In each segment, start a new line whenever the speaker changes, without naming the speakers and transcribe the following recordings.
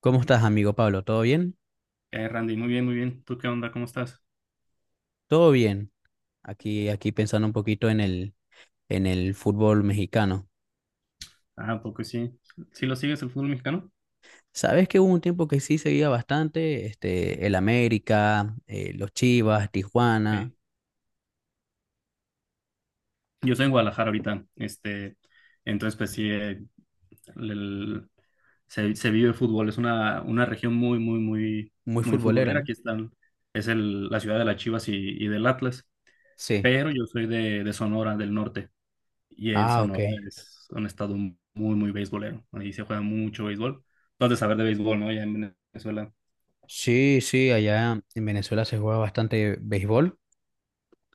¿Cómo estás, amigo Pablo? ¿Todo bien?
Randy, muy bien, muy bien. ¿Tú qué onda? ¿Cómo estás?
Todo bien. Aquí pensando un poquito en en el fútbol mexicano.
Ah, poco sí. ¿Sí lo sigues el fútbol mexicano?
Sabes que hubo un tiempo que sí seguía bastante, este, el América, los Chivas, Tijuana,
Eh, yo soy en Guadalajara ahorita. Este, entonces, pues sí, el- el- se vive fútbol. Es una región muy, muy, muy,
muy
muy
futbolera,
futbolera.
¿no?
Aquí están, es la ciudad de las Chivas y del Atlas.
Sí.
Pero yo soy de Sonora, del norte. Y en
Ah, ok.
Sonora es un estado muy, muy beisbolero. Ahí se juega mucho béisbol. Tú has de saber de béisbol, ¿no? Ya en Venezuela.
Sí, sí, allá en Venezuela se juega bastante béisbol.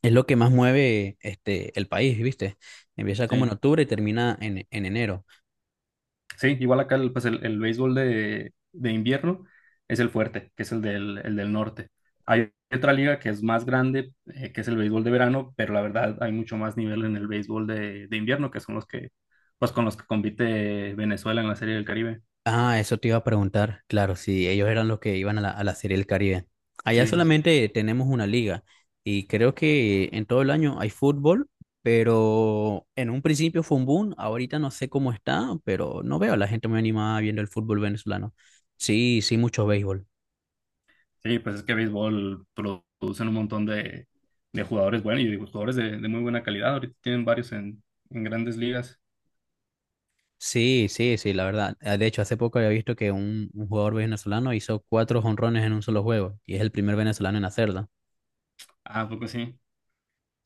Es lo que más mueve este, el país, ¿viste? Empieza como en
Sí.
octubre y termina en enero.
Sí, igual acá pues el béisbol de invierno es el fuerte, que es el el del norte. Hay otra liga que es más grande, que es el béisbol de verano, pero la verdad hay mucho más nivel en el béisbol de invierno, que son los que, pues con los que compite Venezuela en la Serie del Caribe.
Ah, eso te iba a preguntar. Claro, si ellos eran los que iban a a la Serie del Caribe. Allá
Sí, sí, sí.
solamente tenemos una liga y creo que en todo el año hay fútbol, pero en un principio fue un boom. Ahorita no sé cómo está, pero no veo a la gente muy animada viendo el fútbol venezolano. Sí, sí, mucho béisbol.
Sí, pues es que béisbol producen un montón de jugadores buenos y de jugadores de muy buena calidad. Ahorita tienen varios en grandes ligas.
Sí, sí, sí, la verdad. Ah, de hecho, hace poco había visto que un jugador venezolano hizo cuatro jonrones en un solo juego y es el primer venezolano en hacerlo.
Ah, ¿a poco sí.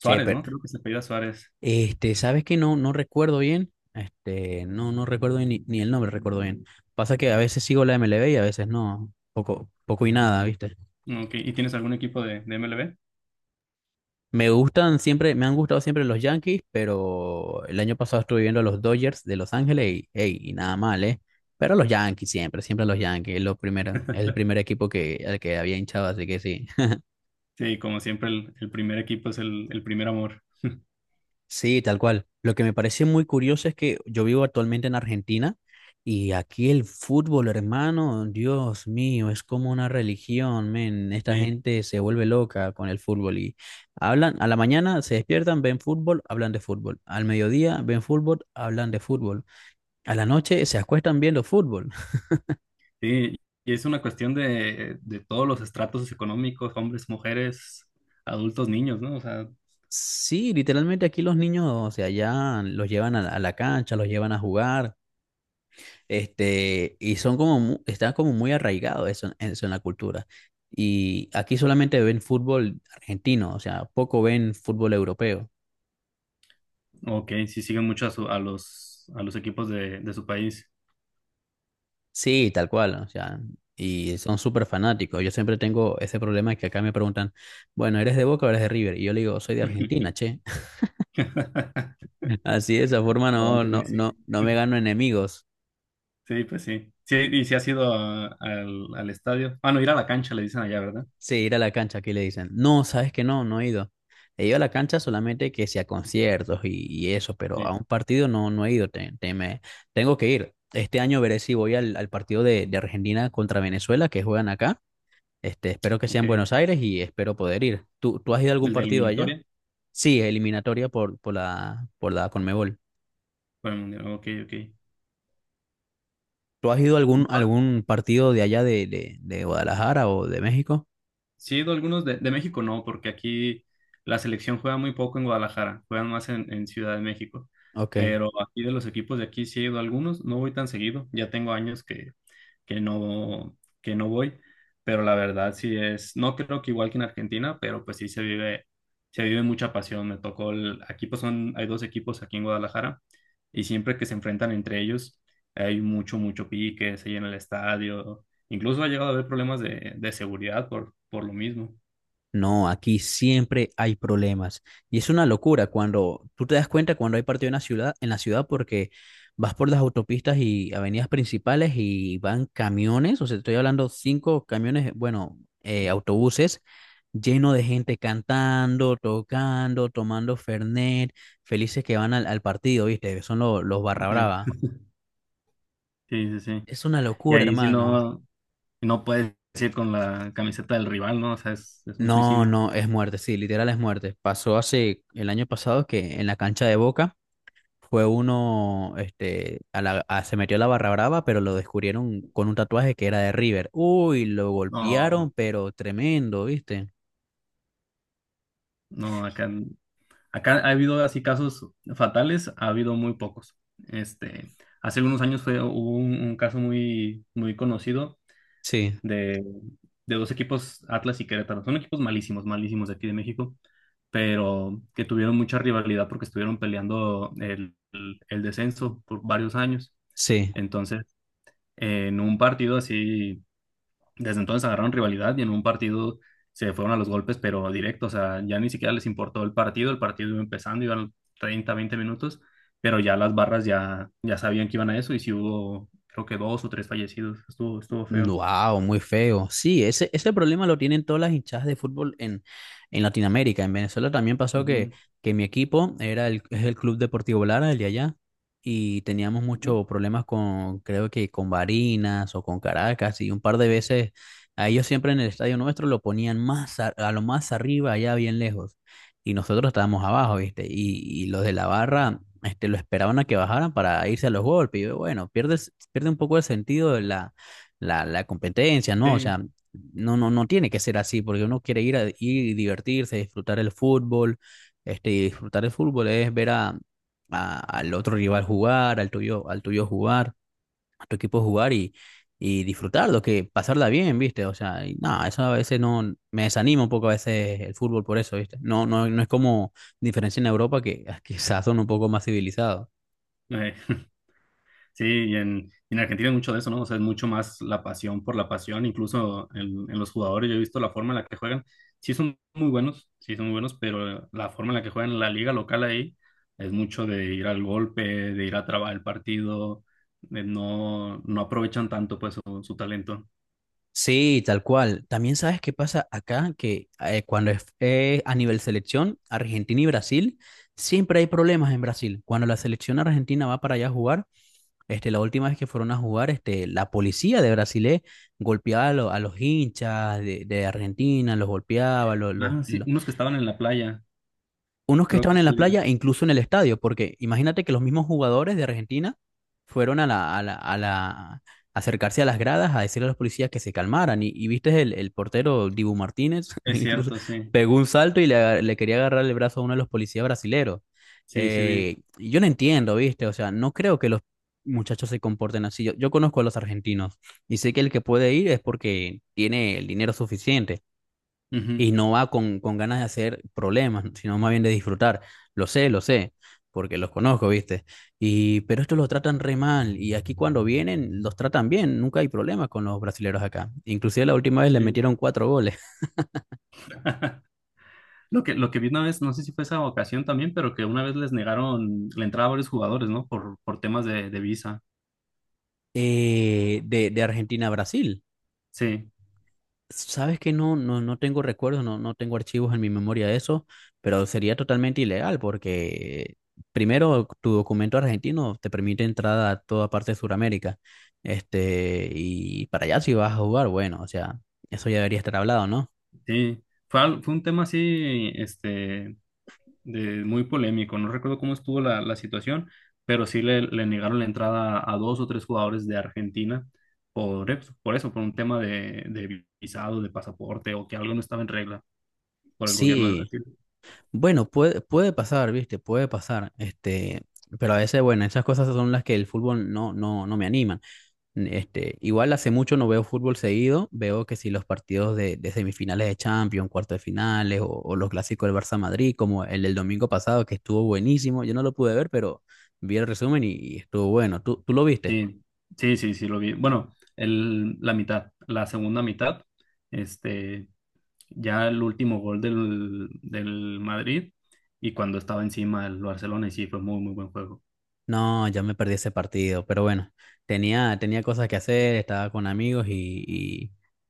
Che, pero
¿no? Creo que se apellida Suárez.
este, sabes que no, no recuerdo bien, este, no, no recuerdo ni, ni el nombre, recuerdo bien. Pasa que a veces sigo la MLB y a veces no, poco, poco y nada, ¿viste?
Ok, ¿y tienes algún equipo de MLB?
Me gustan siempre, me han gustado siempre los Yankees, pero el año pasado estuve viendo a los Dodgers de Los Ángeles y, ey, y nada mal, ¿eh? Pero los Yankees siempre, siempre los Yankees, es lo primero, es el primer equipo que, al que había hinchado, así que sí.
Sí, como siempre, el primer equipo es el primer amor.
Sí, tal cual. Lo que me parece muy curioso es que yo vivo actualmente en Argentina y aquí el fútbol, hermano, Dios mío, es como una religión, men. Esta
Sí,
gente se vuelve loca con el fútbol y hablan, a la mañana se despiertan, ven fútbol, hablan de fútbol. Al mediodía ven fútbol, hablan de fútbol. A la noche se acuestan viendo fútbol.
sí, y es una cuestión de todos los estratos económicos, hombres, mujeres, adultos, niños, ¿no? O sea,
Sí, literalmente aquí los niños, o sea, ya los llevan a la cancha, los llevan a jugar. Este, y son como, está como muy arraigado eso, eso en la cultura. Y aquí solamente ven fútbol argentino, o sea, poco ven fútbol europeo.
ok, sí siguen mucho a los equipos de su país.
Sí, tal cual, o sea, y son súper fanáticos. Yo siempre tengo ese problema que acá me preguntan, bueno, ¿eres de Boca o eres de River? Y yo le digo, soy de Argentina, che. Así de esa forma
Avante Messi.
no me gano enemigos.
Sí, pues sí. Sí, y si has ido al, al estadio. Ah, no, ir a la cancha, le dicen allá, ¿verdad?
Sí, ir a la cancha, aquí le dicen. No, sabes que no, no he ido. He ido a la cancha solamente que sea conciertos y eso, pero a
Sí,
un partido no, no he ido. Tengo que ir. Este año veré si voy al, al partido de Argentina contra Venezuela que juegan acá. Este, espero que sea
ok.
en
El
Buenos Aires y espero poder ir. ¿Tú, tú has ido a algún
de
partido allá?
eliminatoria
Sí, eliminatoria por la Conmebol.
para el mundial. Ok, ok.
¿Tú has ido a
Yo
algún, algún partido de allá de Guadalajara o de México?
sí, he ido a algunos de México, no, porque aquí la selección juega muy poco en Guadalajara, juegan más en Ciudad de México.
Ok.
Pero aquí de los equipos de aquí sí he ido a algunos, no voy tan seguido, ya tengo años que no, que no voy, pero la verdad sí es, no creo que igual que en Argentina, pero pues sí se vive mucha pasión. Me tocó el, aquí pues son, hay dos equipos aquí en Guadalajara y siempre que se enfrentan entre ellos hay mucho, mucho pique, se llena el estadio, incluso ha llegado a haber problemas de seguridad por lo mismo.
No, aquí siempre hay problemas. Y es una locura cuando tú te das cuenta cuando hay partido en la ciudad porque vas por las autopistas y avenidas principales y van camiones, o sea, estoy hablando cinco camiones, bueno, autobuses lleno de gente cantando, tocando, tomando Fernet, felices que van al, al partido, ¿viste? Son los barra
Sí,
brava.
sí, sí, sí.
Es una
Y
locura,
ahí si
hermano.
no, no puedes ir con la camiseta del rival, ¿no? O sea, es un
No,
suicidio.
no, es muerte, sí, literal es muerte. Pasó hace el año pasado que en la cancha de Boca fue uno, este, a se metió a la barra brava, pero lo descubrieron con un tatuaje que era de River. Uy, lo golpearon,
No,
pero tremendo, ¿viste?
no, acá acá ha habido así casos fatales, ha habido muy pocos. Este, hace algunos años fue, hubo un caso muy, muy conocido
Sí,
de, de dos equipos, Atlas y Querétaro. Son equipos malísimos, malísimos de aquí de México, pero que tuvieron mucha rivalidad porque estuvieron peleando el descenso por varios años.
sí.
Entonces, en un partido así desde entonces agarraron rivalidad y en un partido se fueron a los golpes, pero directo, o sea, ya ni siquiera les importó el partido iba empezando, iban 30 20 minutos, pero ya las barras ya, ya sabían que iban a eso y si hubo, creo que dos o tres fallecidos, estuvo, estuvo feo.
Wow, muy feo. Sí, ese problema lo tienen todas las hinchadas de fútbol en Latinoamérica. En Venezuela también pasó
Ujú,
que mi equipo era el, es el Club Deportivo Lara, el de allá, y teníamos
ujú.
muchos problemas con, creo que con Barinas o con Caracas, y un par de veces a ellos siempre en el estadio nuestro lo ponían más a lo más arriba, allá bien lejos, y nosotros estábamos abajo, ¿viste? Y los de la barra... Este, lo esperaban a que bajaran para irse a los golpes. Y yo, bueno, pierde un poco el sentido de la competencia, ¿no? O
Sí,
sea, no tiene que ser así, porque uno quiere ir a ir y divertirse, disfrutar el fútbol, este, y disfrutar el fútbol es ver a, al otro rival jugar, al tuyo jugar, a tu equipo jugar y disfrutarlo, que pasarla bien, ¿viste? O sea, y nada, eso a veces no, me desanima un poco a veces el fútbol por eso, ¿viste? No, no, no es como diferencia en Europa que que quizás son un poco más civilizados.
eh, sí, y en Argentina hay mucho de eso, ¿no? O sea, es mucho más la pasión por la pasión, incluso en los jugadores, yo he visto la forma en la que juegan, sí son muy buenos, sí son muy buenos, pero la forma en la que juegan en la liga local ahí es mucho de ir al golpe, de ir a trabar el partido, de no, no aprovechan tanto pues su talento.
Sí, tal cual. También sabes qué pasa acá, que cuando es a nivel selección, Argentina y Brasil, siempre hay problemas en Brasil. Cuando la selección argentina va para allá a jugar, este, la última vez que fueron a jugar, este, la policía de Brasil golpeaba a, a los hinchas de Argentina, los golpeaba, los,
Ah, sí, unos que estaban en la playa,
unos que
creo que
estaban en la
sí,
playa e incluso en el estadio, porque imagínate que los mismos jugadores de Argentina fueron a a la, acercarse a las gradas a decirle a los policías que se calmaran. Y viste el portero Dibu Martínez,
es
incluso
cierto, sí,
pegó un salto y le, le quería agarrar el brazo a uno de los policías brasileros.
sí, sí vi.
Y yo no entiendo, viste, o sea, no creo que los muchachos se comporten así. Yo conozco a los argentinos y sé que el que puede ir es porque tiene el dinero suficiente
Ujú,
y no va con ganas de hacer problemas, sino más bien de disfrutar. Lo sé, porque los conozco, ¿viste? Y, pero estos los tratan re mal y aquí cuando vienen los tratan bien, nunca hay problemas con los brasileros acá. Inclusive la última vez le
sí.
metieron cuatro goles
Lo que vi una vez, no sé si fue esa ocasión también, pero que una vez les negaron la entrada a varios jugadores, ¿no? Por temas de visa.
de Argentina a Brasil.
Sí,
Sabes que no, no, no tengo recuerdos, no, no tengo archivos en mi memoria de eso, pero sería totalmente ilegal porque primero tu documento argentino te permite entrada a toda parte de Sudamérica. Este, y para allá si vas a jugar, bueno, o sea, eso ya debería estar hablado, ¿no?
sí. Fue, fue un tema así, este, de, muy polémico. No recuerdo cómo estuvo la, la situación, pero sí le negaron la entrada a dos o tres jugadores de Argentina por, por eso, por un tema de visado, de pasaporte o que algo no estaba en regla por el gobierno de
Sí,
Brasil.
bueno, puede, puede pasar, ¿viste? Puede pasar. Este, pero a veces, bueno, esas cosas son las que el fútbol no me animan. Este, igual hace mucho no veo fútbol seguido, veo que si los partidos de semifinales de Champions, cuartos de finales o los clásicos del Barça Madrid, como el del domingo pasado que estuvo buenísimo, yo no lo pude ver, pero vi el resumen y estuvo bueno. ¿Tú, tú lo viste?
Sí, sí, sí, sí, lo vi. Bueno, el, la mitad, la segunda mitad. Este, ya el último gol del, del Madrid y cuando estaba encima el Barcelona y sí, fue muy, muy buen juego.
No, ya me perdí ese partido, pero bueno, tenía cosas que hacer, estaba con amigos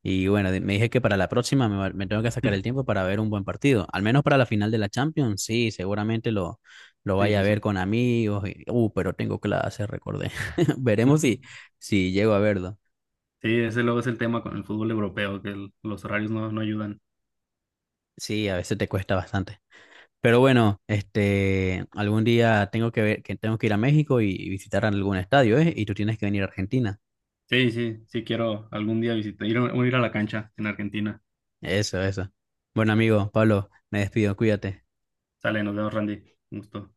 y bueno, me dije que para la próxima me, me tengo que sacar el tiempo para ver un buen partido, al menos para la final de la Champions, sí, seguramente lo
Sí,
vaya a
sí,
ver
sí.
con amigos, y, pero tengo clase, recordé. Veremos si, si llego a verlo.
Sí, ese luego es el tema con el fútbol europeo, que los horarios no, no ayudan.
Sí, a veces te cuesta bastante. Pero bueno, este, algún día tengo que ver, que tengo que ir a México y visitar algún estadio, ¿eh? Y tú tienes que venir a Argentina.
Sí, sí, sí quiero algún día visitar, ir, ir a la cancha en Argentina.
Eso, eso. Bueno, amigo, Pablo, me despido, cuídate.
Sale, nos vemos, Randy. Un gusto.